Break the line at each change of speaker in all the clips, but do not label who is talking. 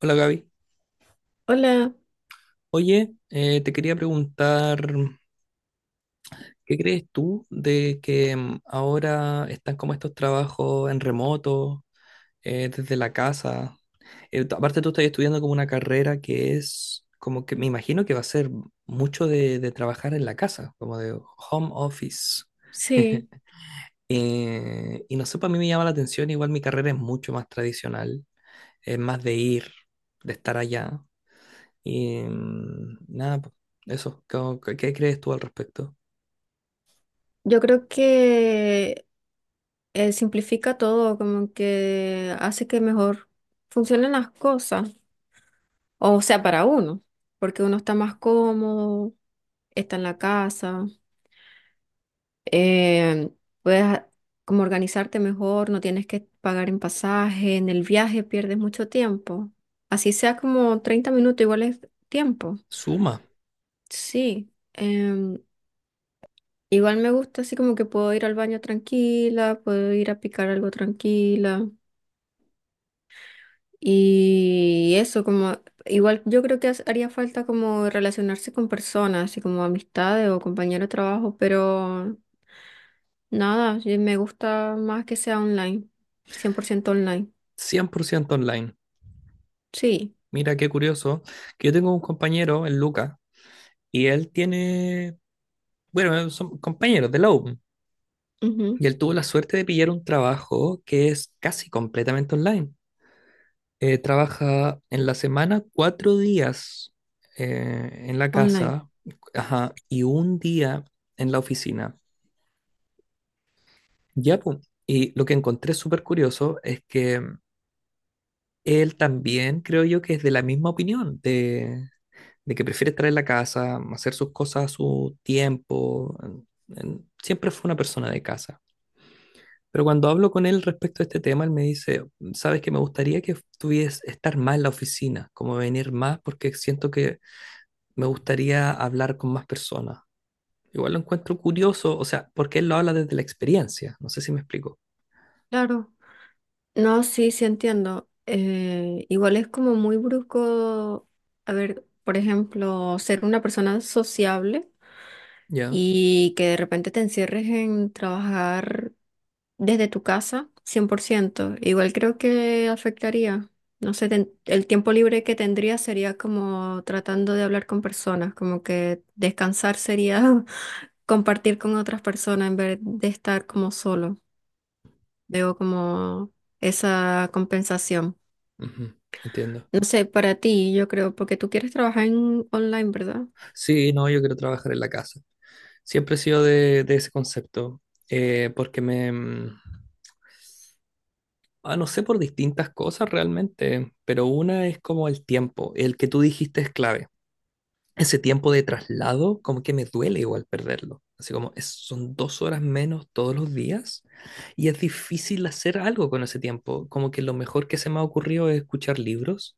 Hola Gaby.
Hola,
Oye, te quería preguntar, ¿qué crees tú de que ahora están como estos trabajos en remoto, desde la casa? Aparte tú estás estudiando como una carrera que es como que me imagino que va a ser mucho de trabajar en la casa, como de home office.
sí,
Y no sé, para mí me llama la atención, igual mi carrera es mucho más tradicional, es más de ir, de estar allá. Y nada, po, eso, ¿qué, qué crees tú al respecto?
yo creo que simplifica todo, como que hace que mejor funcionen las cosas, o sea, para uno, porque uno está más cómodo, está en la casa, eh, puedes a- como organizarte mejor, no tienes que pagar en pasaje, en el viaje pierdes mucho tiempo, así sea como 30 minutos, igual es tiempo,
Suma,
sí. em, Igual me gusta así como que puedo ir al baño tranquila, puedo ir a picar algo tranquila y eso como igual yo creo que haría falta como relacionarse con personas, así como amistades o compañeros de trabajo, pero nada, yo me gusta más que sea online, 100% online.
cien por ciento online.
Sí,
Mira qué curioso, que yo tengo un compañero, el Luca, y él tiene, bueno, son compañeros de la U,
ujú,
y él tuvo la suerte de pillar un trabajo que es casi completamente online. Trabaja en la semana cuatro días en la
online.
casa, ajá, y un día en la oficina. Ya, po, y lo que encontré súper curioso es que él también creo yo que es de la misma opinión, de que prefiere estar en la casa, hacer sus cosas a su tiempo. Siempre fue una persona de casa. Pero cuando hablo con él respecto a este tema, él me dice, sabes que me gustaría que tuvies estar más en la oficina, como venir más, porque siento que me gustaría hablar con más personas. Igual lo encuentro curioso, o sea, porque él lo habla desde la experiencia. No sé si me explico.
Claro. No, sí, sí entiendo. Igual es como muy brusco, a ver, por ejemplo, ser una persona sociable
Ya.
y que de repente te encierres en trabajar desde tu casa, 100%. Igual creo que afectaría. No sé, el tiempo libre que tendría sería como tratando de hablar con personas, como que descansar sería compartir con otras personas en vez de estar como solo. Debo como esa compensación.
Ujú, entiendo.
No sé, para ti, yo creo, porque tú quieres trabajar en online, ¿verdad?
Sí, no, yo quiero trabajar en la casa. Siempre he sido de ese concepto, porque me... no sé por distintas cosas realmente, pero una es como el tiempo, el que tú dijiste es clave. Ese tiempo de traslado, como que me duele igual perderlo. Así como son dos horas menos todos los días y es difícil hacer algo con ese tiempo. Como que lo mejor que se me ha ocurrido es escuchar libros,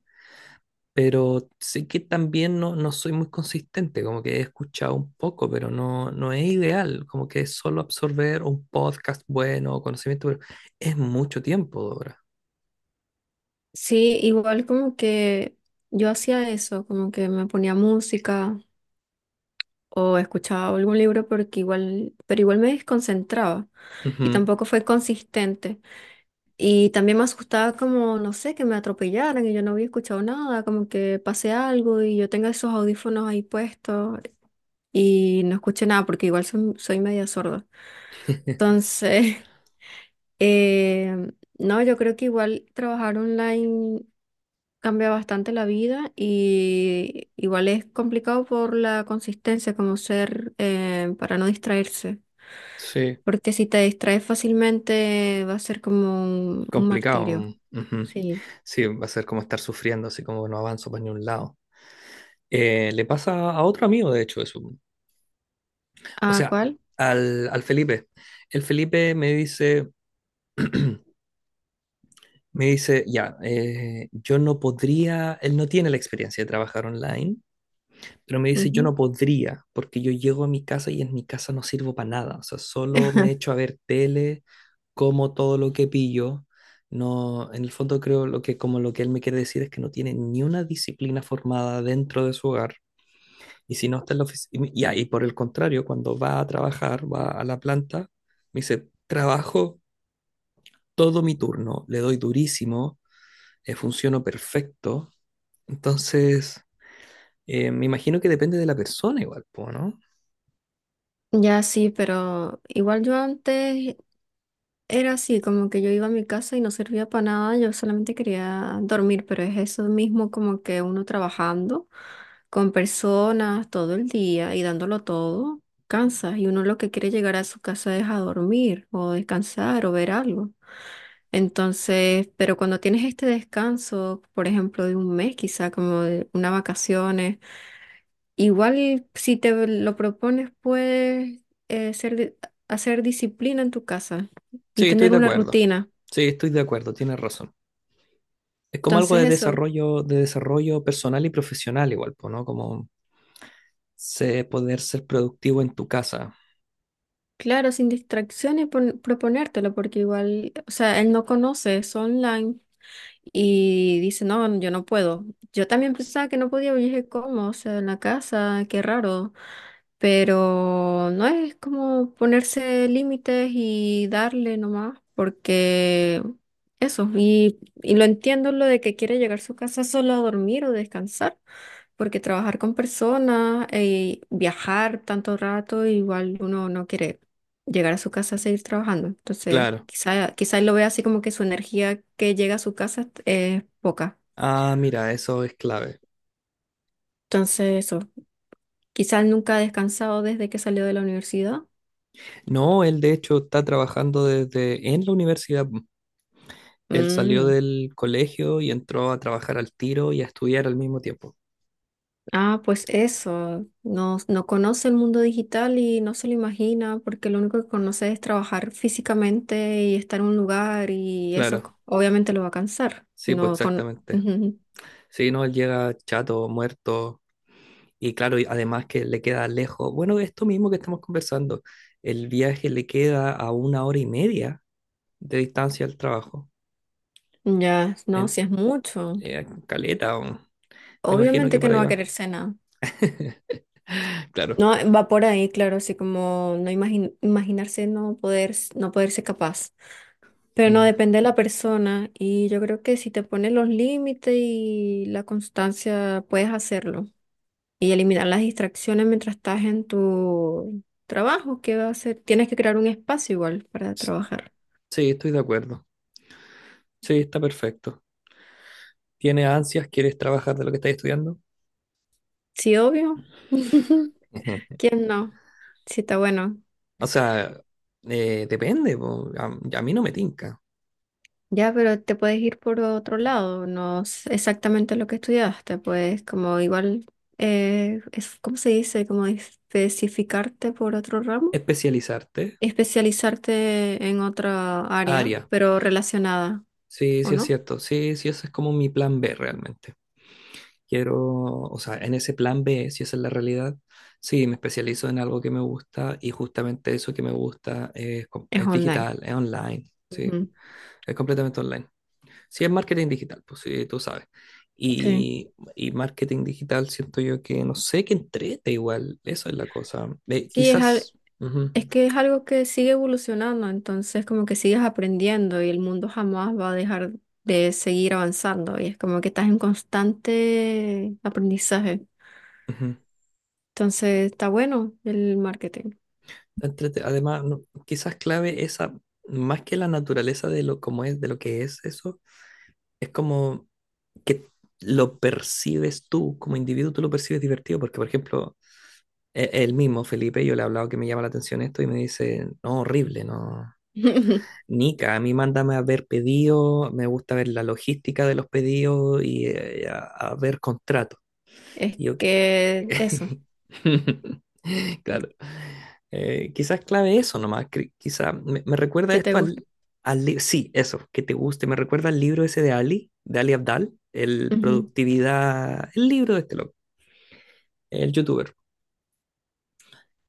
pero sé que también no, no soy muy consistente, como que he escuchado un poco, pero no, no es ideal, como que es solo absorber un podcast bueno o conocimiento, pero es mucho tiempo, Dora.
Sí, igual como que yo hacía eso, como que me ponía música o escuchaba algún libro porque igual, pero igual me desconcentraba y
Ujú.
tampoco fue consistente. Y también me asustaba como, no sé, que me atropellaran y yo no había escuchado nada, como que pase algo y yo tenga esos audífonos ahí puestos y no escuché nada porque igual soy media sorda. Entonces, eh, no, yo creo que igual trabajar online cambia bastante la vida y igual es complicado por la consistencia, como ser para no distraerse.
Sí,
Porque si te distraes fácilmente va a ser como un
complicado.
martirio.
Ujú.
Sí.
Sí, va a ser como estar sufriendo, así como no avanzo para ningún lado. Le pasa a otro amigo, de hecho, eso. O
¿A
sea,
cuál?
al Felipe. El Felipe me dice, me dice, ya, yo no podría, él no tiene la experiencia de trabajar online, pero me dice, yo
Ujú.
no podría, porque yo llego a mi casa y en mi casa no sirvo para nada, o sea, solo me echo a ver tele, como todo lo que pillo, no, en el fondo creo lo que, como lo que él me quiere decir es que no tiene ni una disciplina formada dentro de su hogar, y si no está en la oficina, y, y por el contrario, cuando va a trabajar, va a la planta, me dice, trabajo todo mi turno, le doy durísimo, funciono perfecto. Entonces, me imagino que depende de la persona igual, po, ¿no?
Ya sí, pero igual yo antes era así, como que yo iba a mi casa y no servía para nada, yo solamente quería dormir, pero es eso mismo como que uno trabajando con personas todo el día y dándolo todo, cansa y uno lo que quiere llegar a su casa es a dormir o descansar o ver algo. Entonces, pero cuando tienes este descanso, por ejemplo, de un mes quizá, como de unas vacaciones, igual si te lo propones puedes eh, ser, di- hacer disciplina en tu casa y
Sí, estoy
tener
de
una
acuerdo.
rutina.
Sí, estoy de acuerdo, tienes razón. Es como algo
Entonces eso,
de desarrollo personal y profesional igual, po, ¿no? Como sé poder ser productivo en tu casa.
claro, sin distracciones proponértelo, porque igual, o sea, él no conoce, es online y dice, no, yo no puedo. Yo también pensaba que no podía, pero yo dije, ¿cómo? O sea, en la casa, qué raro. Pero no es como ponerse límites y darle nomás, porque eso, y lo entiendo lo de que quiere llegar a su casa solo a dormir o descansar, porque trabajar con personas y viajar tanto rato, igual uno no quiere llegar a su casa a seguir trabajando. Entonces,
Claro.
quizá él lo vea así como que su energía que llega a su casa es poca.
Ah, mira, eso es clave.
Entonces, eso, quizá él nunca ha descansado desde que salió de la universidad.
No, él de hecho está trabajando desde en la universidad. Él salió
Mm.
del colegio y entró a trabajar al tiro y a estudiar al mismo tiempo.
Ah, pues eso, no, no conoce el mundo digital y no se lo imagina porque lo único que conoce es trabajar físicamente y estar en un lugar y eso
Claro,
obviamente lo va a cansar.
sí, pues
No con...
exactamente. Sí, no, él llega chato, muerto, y claro, y además que le queda lejos. Bueno, esto mismo que estamos conversando, el viaje le queda a una hora y media de distancia al trabajo,
Ya, no,
en,
si es mucho.
Caleta, me imagino
Obviamente
que
que
por
no
ahí
va a
va.
querer cena.
Claro.
No, va por ahí, claro, así como no imaginarse no poder, no poderse capaz. Pero no,
Mm.
depende de la persona y yo creo que si te pones los límites y la constancia, puedes hacerlo. Y eliminar las distracciones mientras estás en tu trabajo, ¿qué va a hacer? Tienes que crear un espacio igual para
S-
trabajar.
Sí, estoy de acuerdo. Sí, está perfecto. ¿Tienes ansias? ¿Quieres trabajar de lo que estás estudiando?
Sí, obvio. ¿Quién no? Sí, está bueno.
O sea, depende, po. A mí no me tinca.
Ya, pero te puedes ir por otro lado, no es exactamente lo que estudiaste, pues como igual, es, ¿cómo se dice? Como especificarte por otro ramo,
Especializarte,
especializarte en otra área,
área.
pero relacionada,
Sí,
¿o
sí es
no?
cierto. Sí, sí, ese es como mi plan B realmente. Quiero, o sea, en ese plan B, si esa es la realidad, sí, me especializo en algo que me gusta y justamente eso que me gusta es,
Es
es
online.
digital, es online, sí,
Ujú.
es completamente online. Sí, es marketing digital, pues sí, tú sabes.
Sí.
Y marketing digital siento yo que no sé qué entrete igual, eso es la cosa.
Sí,
Quizás. Ujú,
es que es algo que sigue evolucionando, entonces como que sigues aprendiendo y el mundo jamás va a dejar de seguir avanzando y es como que estás en constante aprendizaje.
ujú.
Entonces está bueno el marketing.
Además, quizás clave esa, más que la naturaleza de lo como es, de lo que es eso, es como que lo percibes tú, como individuo tú lo percibes divertido, porque por ejemplo, el mismo Felipe, yo le he hablado que me llama la atención esto y me dice, no, horrible, no. Nica, a mí mándame a ver pedidos, me gusta ver la logística de los pedidos y a ver contratos.
Es
Y yo,
que eso,
claro. Quizás clave eso nomás. Quizás me, me recuerda
que te
esto
gusta.
al, sí, eso, que te guste. Me recuerda al libro ese de Ali Abdal, el
Ujú.
productividad, el libro de este loco, el youtuber.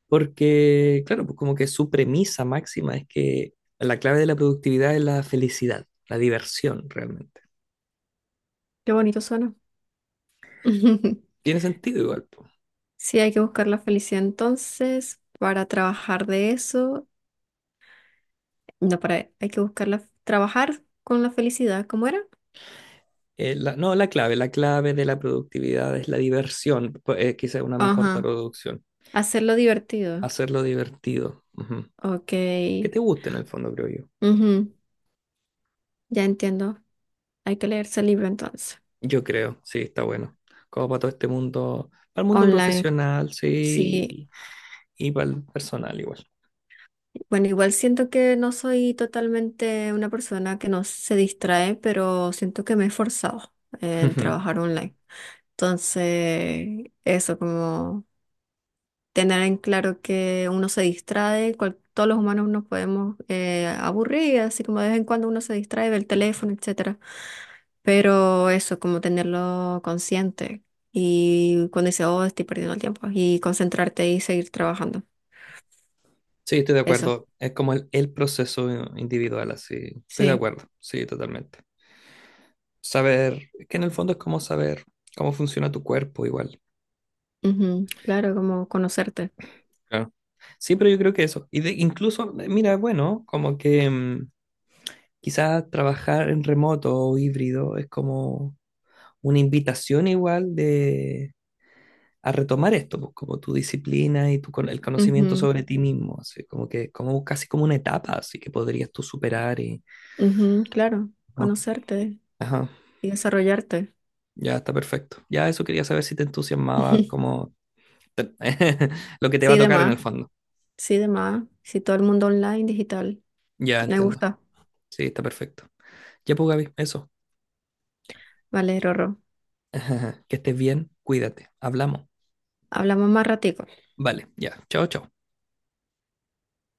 Porque, claro, pues como que su premisa máxima es que la clave de la productividad es la felicidad, la diversión realmente.
Qué bonito suena.
Tiene sentido igual, po.
Sí, hay que buscar la felicidad entonces para trabajar de eso. No, para, hay que buscar la, trabajar con la felicidad, ¿cómo era?
No, la clave de la productividad es la diversión, pues, quizás una mejor
Ajá,
traducción.
hacerlo divertido.
Hacerlo divertido. Ujú.
Ok,
Que te guste en el fondo, creo yo.
ujú, ya entiendo. Hay que leerse el libro entonces.
Yo creo, sí, está bueno. Como para todo este mundo, para el mundo
Online,
profesional,
sí.
sí, y para el personal igual.
Bueno, igual siento que no soy totalmente una persona que no se distrae, pero siento que me he esforzado en
Ujú.
trabajar online. Entonces, eso como tener en claro que uno se distrae, todos los humanos nos podemos aburrir, así como de vez en cuando uno se distrae, ve el teléfono, etcétera. Pero eso, como tenerlo consciente y cuando dice, oh, estoy perdiendo el tiempo, y concentrarte y seguir trabajando.
Sí, estoy de
Eso,
acuerdo. Es como el proceso individual, así. Estoy de
sí.
acuerdo, sí, totalmente. Saber, es que en el fondo es como saber cómo funciona tu cuerpo igual.
Ujú, claro, como conocerte.
Claro. Sí, pero yo creo que eso. Y de, incluso, mira, bueno, como que quizás trabajar en remoto o híbrido es como una invitación igual de, a retomar esto, pues, como tu disciplina y tu, el conocimiento
Ujú,
sobre ti mismo, así como que como casi como una etapa, así que podrías tú superar y...
ujú, claro,
no,
conocerte
ajá,
y desarrollarte.
ya está perfecto. Ya eso quería saber si te entusiasmaba
Ujú.
como te- lo que te va a
Sí, de
tocar en el
más,
fondo.
sí, de más. Sí, todo el mundo online, digital.
Ya
Me
entiendo.
gusta.
Sí, está perfecto. Ya pues, Gaby, eso.
Vale, Rorro.
Que estés bien, cuídate. Hablamos.
Hablamos más ratico.
Vale, ya. Chao, chao.